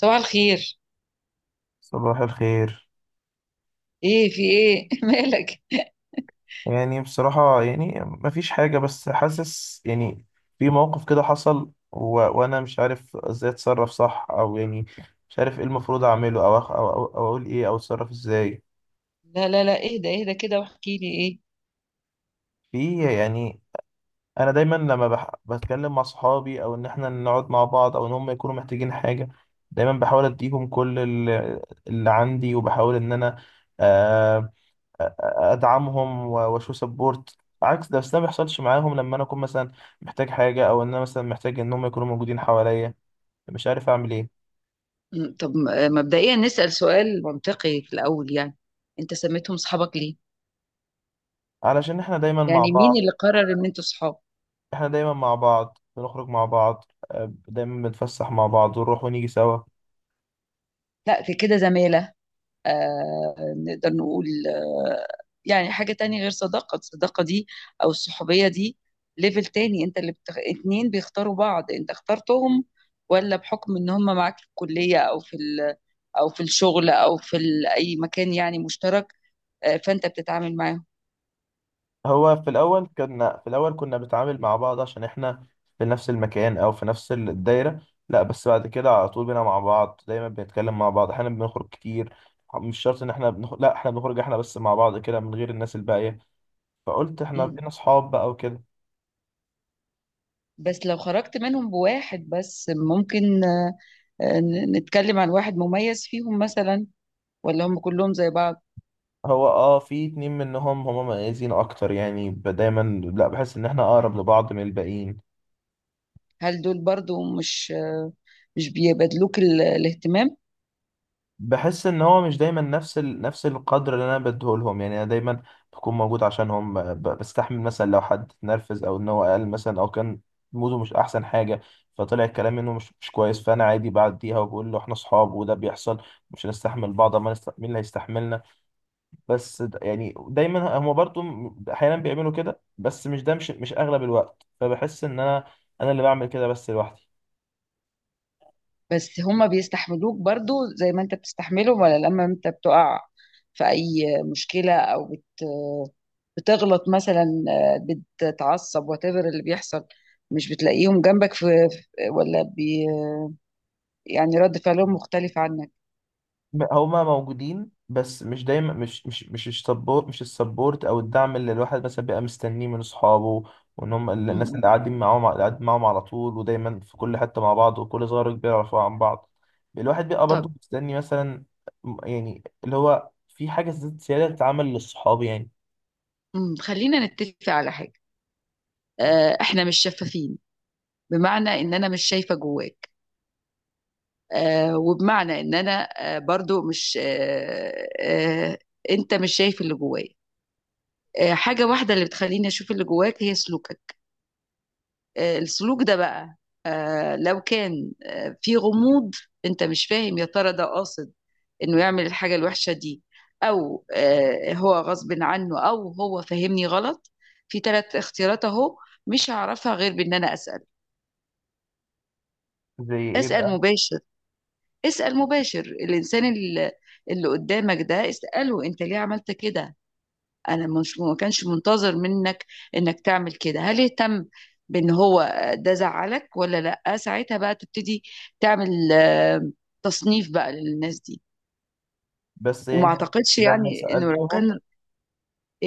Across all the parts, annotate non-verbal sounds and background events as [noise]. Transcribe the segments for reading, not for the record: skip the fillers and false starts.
صباح الخير. صباح الخير. ايه، في ايه [laughs] مالك؟ يعني بصراحة مفيش حاجة، بس حاسس يعني في موقف كده حصل و... وأنا مش عارف إزاي أتصرف صح، أو يعني مش عارف إيه المفروض أعمله أو أقول إيه، أو أتصرف إزاي. لا لا لا، اهدى اهدى كده واحكي لي ايه. في يعني أنا دايما لما بتكلم مع صحابي، أو إن إحنا نقعد مع بعض، أو إن هم يكونوا محتاجين حاجة، دايما بحاول أديهم اللي عندي، وبحاول إن أنا آه، ادعمهم واشو سبورت عكس ده. بس ده ما بيحصلش معاهم لما انا اكون مثلا محتاج حاجه، او ان انا مثلا محتاج ان هم يكونوا موجودين حواليا. مش عارف اعمل ايه. طب مبدئيا نسأل سؤال منطقي في الأول، يعني أنت سميتهم صحابك ليه؟ علشان احنا دايما مع يعني مين بعض. اللي قرر إن أنتوا صحاب؟ بنخرج مع بعض. دايما بنتفسح مع بعض، ونروح ونيجي سوا. لا، في كده زمالة. آه، نقدر نقول آه، يعني حاجة تانية غير صداقة. الصداقة دي أو الصحوبية دي ليفل تاني. أنت اللي اتنين بيختاروا بعض، أنت اخترتهم، ولا بحكم إن هم معاك في الكلية أو في او في الشغل او في اي مكان يعني مشترك، فانت بتتعامل معاهم. هو في الأول كنا بنتعامل مع بعض عشان إحنا في نفس المكان أو في نفس الدايرة. لا، بس بعد كده على طول بينا مع بعض، دايما بنتكلم مع بعض، أحيانا بنخرج كتير. مش شرط إن إحنا بنخرج، لا، إحنا بنخرج إحنا بس مع بعض كده من غير الناس الباقية. فقلت إحنا مم. بقينا صحاب بقى وكده. بس لو خرجت منهم بواحد بس ممكن، آه، نتكلم عن واحد مميز فيهم مثلا ولا هم كلهم زي بعض؟ هو أه في اتنين منهم هما مميزين أكتر، يعني دايما لا بحس إن إحنا أقرب لبعض من الباقيين. هل دول برضو مش بيبادلوك الاهتمام؟ بحس ان هو مش دايما نفس نفس القدر اللي انا بديه لهم. يعني انا دايما بكون موجود عشانهم، بستحمل مثلا لو حد اتنرفز، او ان هو قال مثلا، او كان موده مش احسن حاجه، فطلع الكلام منه مش كويس، فانا عادي بعديها وبقول له احنا اصحاب وده بيحصل. مش هنستحمل بعض ما نست... مين اللي هيستحملنا؟ بس يعني دايما هم برضو احيانا بيعملوا كده، بس مش ده مش مش اغلب الوقت. فبحس ان انا اللي بعمل كده بس لوحدي. بس هم بيستحملوك برضو زي ما انت بتستحملهم، ولا لما انت بتقع في اي مشكلة او بتغلط مثلا، بتتعصب whatever اللي بيحصل، مش بتلاقيهم جنبك ولا يعني رد فعلهم مختلف عنك؟ هما موجودين، بس مش دايما، مش السبورت، او الدعم اللي الواحد مثلا بيبقى مستنيه من اصحابه. وان هم الناس مم. اللي قاعدين معاهم، على طول ودايما في كل حته مع بعض، وكل صغير وكبير يعرفوا عن بعض. الواحد بيبقى برضه طب، مستني مثلا يعني اللي هو في حاجه زياده تتعمل للصحاب يعني. خلينا نتفق على حاجة. احنا مش شفافين، بمعنى ان انا مش شايفة جواك، وبمعنى ان انا برضو مش، انت مش شايف اللي جوايا. حاجة واحدة اللي بتخليني اشوف اللي جواك هي سلوكك. السلوك ده بقى، لو كان في غموض، انت مش فاهم يا ترى ده قاصد انه يعمل الحاجة الوحشة دي، او هو غصب عنه، او هو فاهمني غلط. في ثلاث اختيارات اهو، مش هعرفها غير بان انا اسأل. زي ايه اسأل بقى؟ مباشر، اسأل مباشر الانسان اللي قدامك ده، اسأله انت ليه عملت كده. انا مش ما كانش منتظر منك انك تعمل كده، هل اهتم بان هو ده زعلك ولا لا. ساعتها بقى تبتدي تعمل تصنيف بقى للناس دي، بس وما يعني اعتقدش لما يعني انه لو سالتهم كان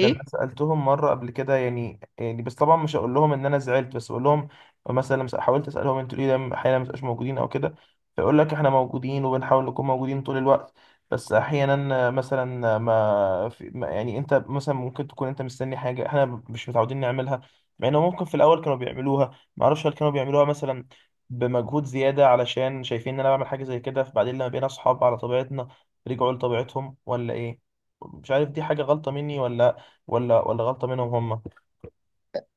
لما سألتهم مرة قبل كده، يعني بس طبعا مش هقول لهم ان انا زعلت، بس اقول لهم مثلا لما حاولت اسالهم انتوا ليه دايما احيانا ما بتبقاش موجودين او كده، فيقول لك احنا موجودين وبنحاول نكون موجودين طول الوقت. بس احيانا مثلا ما, في ما يعني انت مثلا ممكن تكون انت مستني حاجه احنا مش متعودين نعملها، مع انه ممكن في الاول كانوا بيعملوها. ما اعرفش هل كانوا بيعملوها مثلا بمجهود زياده علشان شايفين ان انا بعمل حاجه زي كده، فبعدين لما بقينا اصحاب على طبيعتنا رجعوا لطبيعتهم، ولا ايه؟ مش عارف دي حاجه غلطه مني، ولا غلطة منهم هم.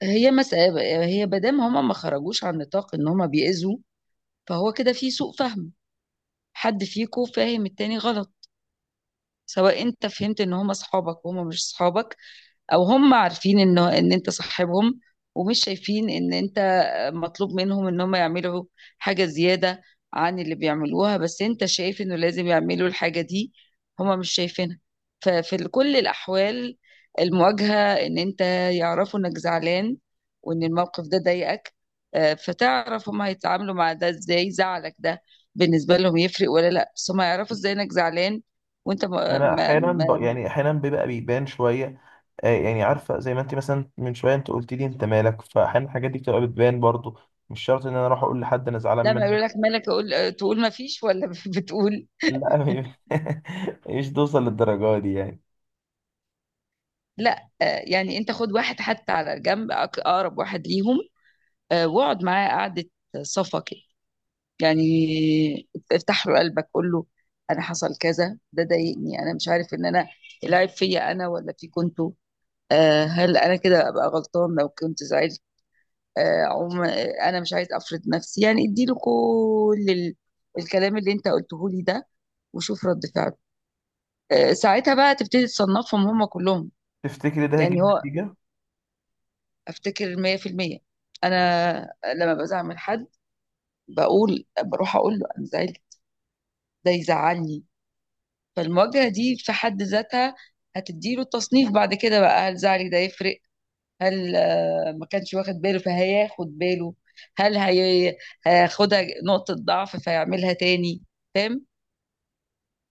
هي مادام هما ما خرجوش عن نطاق ان هما بيأذوا، فهو كده في سوء فهم. حد فيكو فاهم التاني غلط، سواء انت فهمت ان هما اصحابك وهما مش اصحابك، او هم عارفين ان انت صاحبهم ومش شايفين ان انت مطلوب منهم ان هم يعملوا حاجة زيادة عن اللي بيعملوها، بس انت شايف انه لازم يعملوا الحاجة دي، هم مش شايفينها. ففي كل الاحوال، المواجهة ان انت يعرفوا انك زعلان وان الموقف ده ضايقك، فتعرف هم هيتعاملوا مع ده ازاي. زعلك ده بالنسبة لهم يفرق ولا لا، بس هم يعرفوا ازاي انك زعلان وانت. انا احيانا يعني احيانا بيبقى بيبان شوية. آه يعني عارفة زي ما انت مثلا من شوية انت قلت لي انت مالك، فاحيانا الحاجات دي بتبقى بتبان برضو. مش شرط ان انا اروح اقول لحد انا زعلان لما منك. يقول لك مالك اقول تقول ما فيش ولا [laughs] بتقول؟ لا، [laughs] مش توصل للدرجة دي يعني. لا، يعني انت خد واحد حتى على جنب، اقرب واحد ليهم، واقعد معاه قعده صفا كده، يعني افتح له قلبك قول له انا حصل كذا، ده ضايقني، انا مش عارف ان انا العيب فيا انا ولا في كنتوا. هل انا كده ابقى غلطان لو كنت زعلت؟ آه، عم آه، انا مش عايز افرض نفسي، يعني اديله كل الكلام اللي انت قلته لي ده وشوف رد فعله. ساعتها بقى تبتدي تصنفهم هم كلهم. تفتكري ده يعني هيجيب هو نتيجة؟ افتكر 100%. انا لما بزعل من حد بقول بروح اقول له انا زعلت، ده يزعلني. فالمواجهه دي في حد ذاتها هتديله التصنيف بعد كده بقى. هل زعلي ده يفرق؟ هل ما كانش واخد باله فهياخد باله؟ هل هياخدها نقطه ضعف فيعملها تاني؟ فاهم؟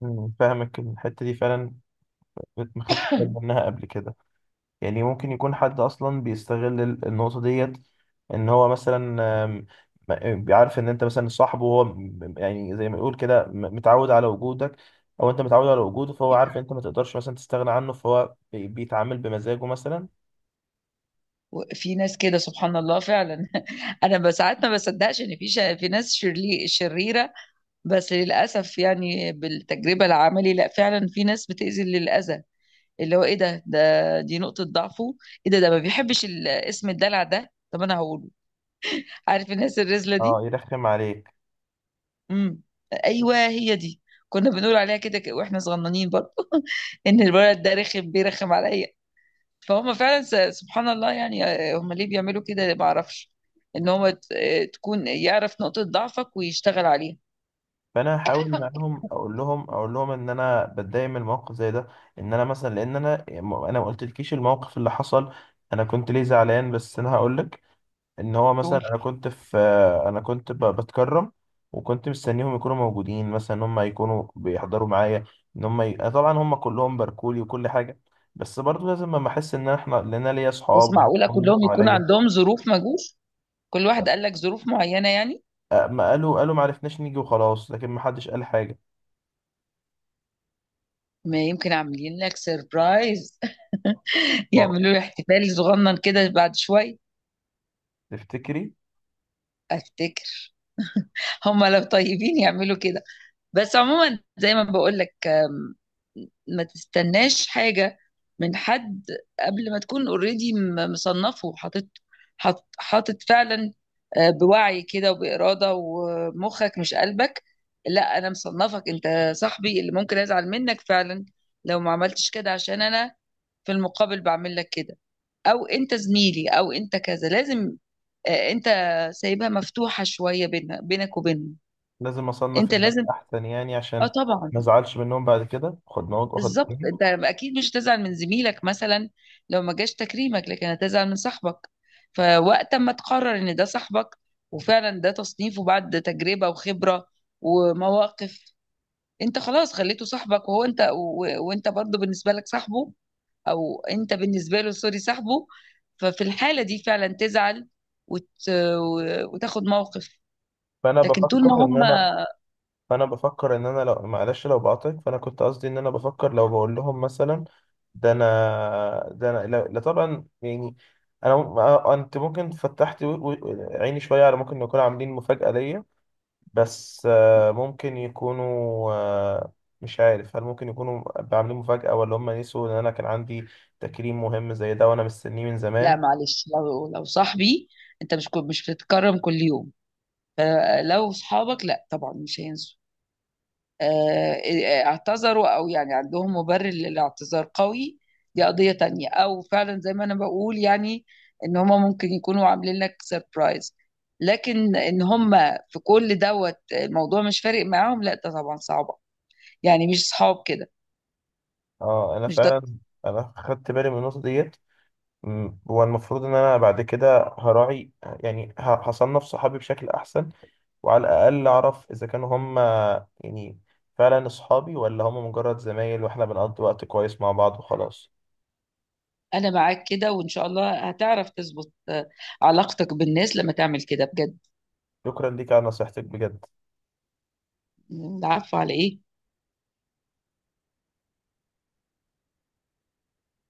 مم، فاهمك الحتة دي فعلا. كنت ما خدتش بالي منها قبل كده. يعني ممكن يكون حد اصلا بيستغل النقطه ديت، ان هو مثلا آم، بيعرف ان انت مثلا صاحبه، هو يعني زي ما يقول كده متعود على وجودك، او انت متعود على وجوده، فهو عارف انت ما تقدرش مثلا تستغنى عنه، فهو بيتعامل بمزاجه مثلا. في ناس كده سبحان الله فعلا. [laughs] انا ساعات ما بصدقش ان في ناس شريره. بس للأسف يعني بالتجربة العملي لا، فعلا في ناس بتأذي للأذى، اللي هو ايه ده، دي نقطة ضعفه. ايه ده، ما بيحبش اسم الدلع ده، طب انا هقوله. عارف الناس الرزلة اه، دي؟ يرخم عليك. امم ايوه، هي دي. كنا بنقول عليها كده، واحنا صغننين برضه. [laughs] ان الولد ده رخم، بيرخم عليا. فهم فعلا، سبحان الله. يعني هم ليه بيعملوا كده ما اعرفش. ان هو تكون يعرف نقطة ضعفك ويشتغل عليها. فانا هحاول معاهم اقول لهم ان انا بتضايق من الموقف زي ده. ان انا مثلا لان انا ما قلتلكيش الموقف اللي حصل. انا كنت ليه زعلان، بس انا هقول لك ان هو دول. مثلا انا كنت في. انا كنت بتكرم وكنت مستنيهم يكونوا موجودين، مثلا ان هم يكونوا بيحضروا معايا، أنا طبعا هم كلهم باركولي وكل حاجه. بس برضو لازم لما احس ان احنا، لان انا ليا بس اصحاب وان معقولة هم كلهم يكون حواليا. عندهم ظروف ما جوش؟ كل واحد قال لك ظروف معينة يعني؟ أه، ما قالوا قالوا ما عرفناش نيجي وخلاص، لكن ما حدش قال حاجه. ما يمكن عاملين لك سيربرايز، [laughs] اه. يعملوا له احتفال صغنن كده بعد شوية. تفتكري؟ افتكر، هم لو طيبين يعملوا كده. بس عموما زي ما بقول لك، ما تستناش حاجة من حد قبل ما تكون اوريدي مصنفه وحاطط، حاطط فعلا، بوعي كده وبإرادة، ومخك مش قلبك. لا، أنا مصنفك أنت صاحبي اللي ممكن أزعل منك فعلا لو ما عملتش كده عشان أنا في المقابل بعمل لك كده، او انت زميلي او انت كذا. لازم انت سايبها مفتوحه شويه بينها بينك وبينهم. لازم اصنف انت الناس لازم. احسن يعني اه، عشان طبعا. ما ازعلش منهم بعد كده، خد نوت واخد بالظبط، اتنين. انت اكيد مش هتزعل من زميلك مثلا لو ما جاش تكريمك، لكن هتزعل من صاحبك. فوقت ما تقرر ان ده صاحبك، وفعلا ده تصنيفه بعد تجربه وخبره ومواقف، انت خلاص خليته صاحبك، وهو انت وانت برضه بالنسبه لك صاحبه، او انت بالنسبه له، سوري، صاحبه. ففي الحاله دي فعلا تزعل وت... وتاخد موقف. فانا لكن طول ما بفكر ان هم. انا فانا بفكر ان انا لو معلش، لو بقاطعك، فانا كنت قصدي ان انا بفكر لو بقول لهم مثلا ده انا ده انا، لا لا طبعا يعني. آه، انت ممكن فتحت و- عيني شويه على ممكن يكونوا عاملين مفاجاه ليا. بس آه، ممكن يكونوا آه، مش عارف هل ممكن يكونوا عاملين مفاجاه، ولا هم نسوا ان انا كان عندي تكريم مهم زي ده وانا مستنيه من لا زمان. معلش، لو صاحبي، انت مش بتتكرم كل يوم، فلو صحابك لا طبعا مش هينسوا. آه، اعتذروا او يعني عندهم مبرر للاعتذار قوي، دي قضية تانية، او فعلا زي ما انا بقول يعني، ان هما ممكن يكونوا عاملين لك سيربرايز. لكن ان هما في كل دوت الموضوع مش فارق معاهم، لا ده طبعا صعبة، يعني مش صحاب كده، اه، انا مش ده. فعلا انا خدت بالي من النقطه ديت. مم. هو المفروض ان انا بعد كده هراعي، يعني هصنف صحابي بشكل احسن، وعلى الاقل اعرف اذا كانوا هم يعني فعلا اصحابي، ولا هم مجرد زمايل واحنا بنقضي وقت كويس مع بعض وخلاص. انا معاك كده، وان شاء الله هتعرف تظبط علاقتك بالناس لما تعمل كده بجد. شكرا ليك على نصيحتك بجد. عارفة على ايه؟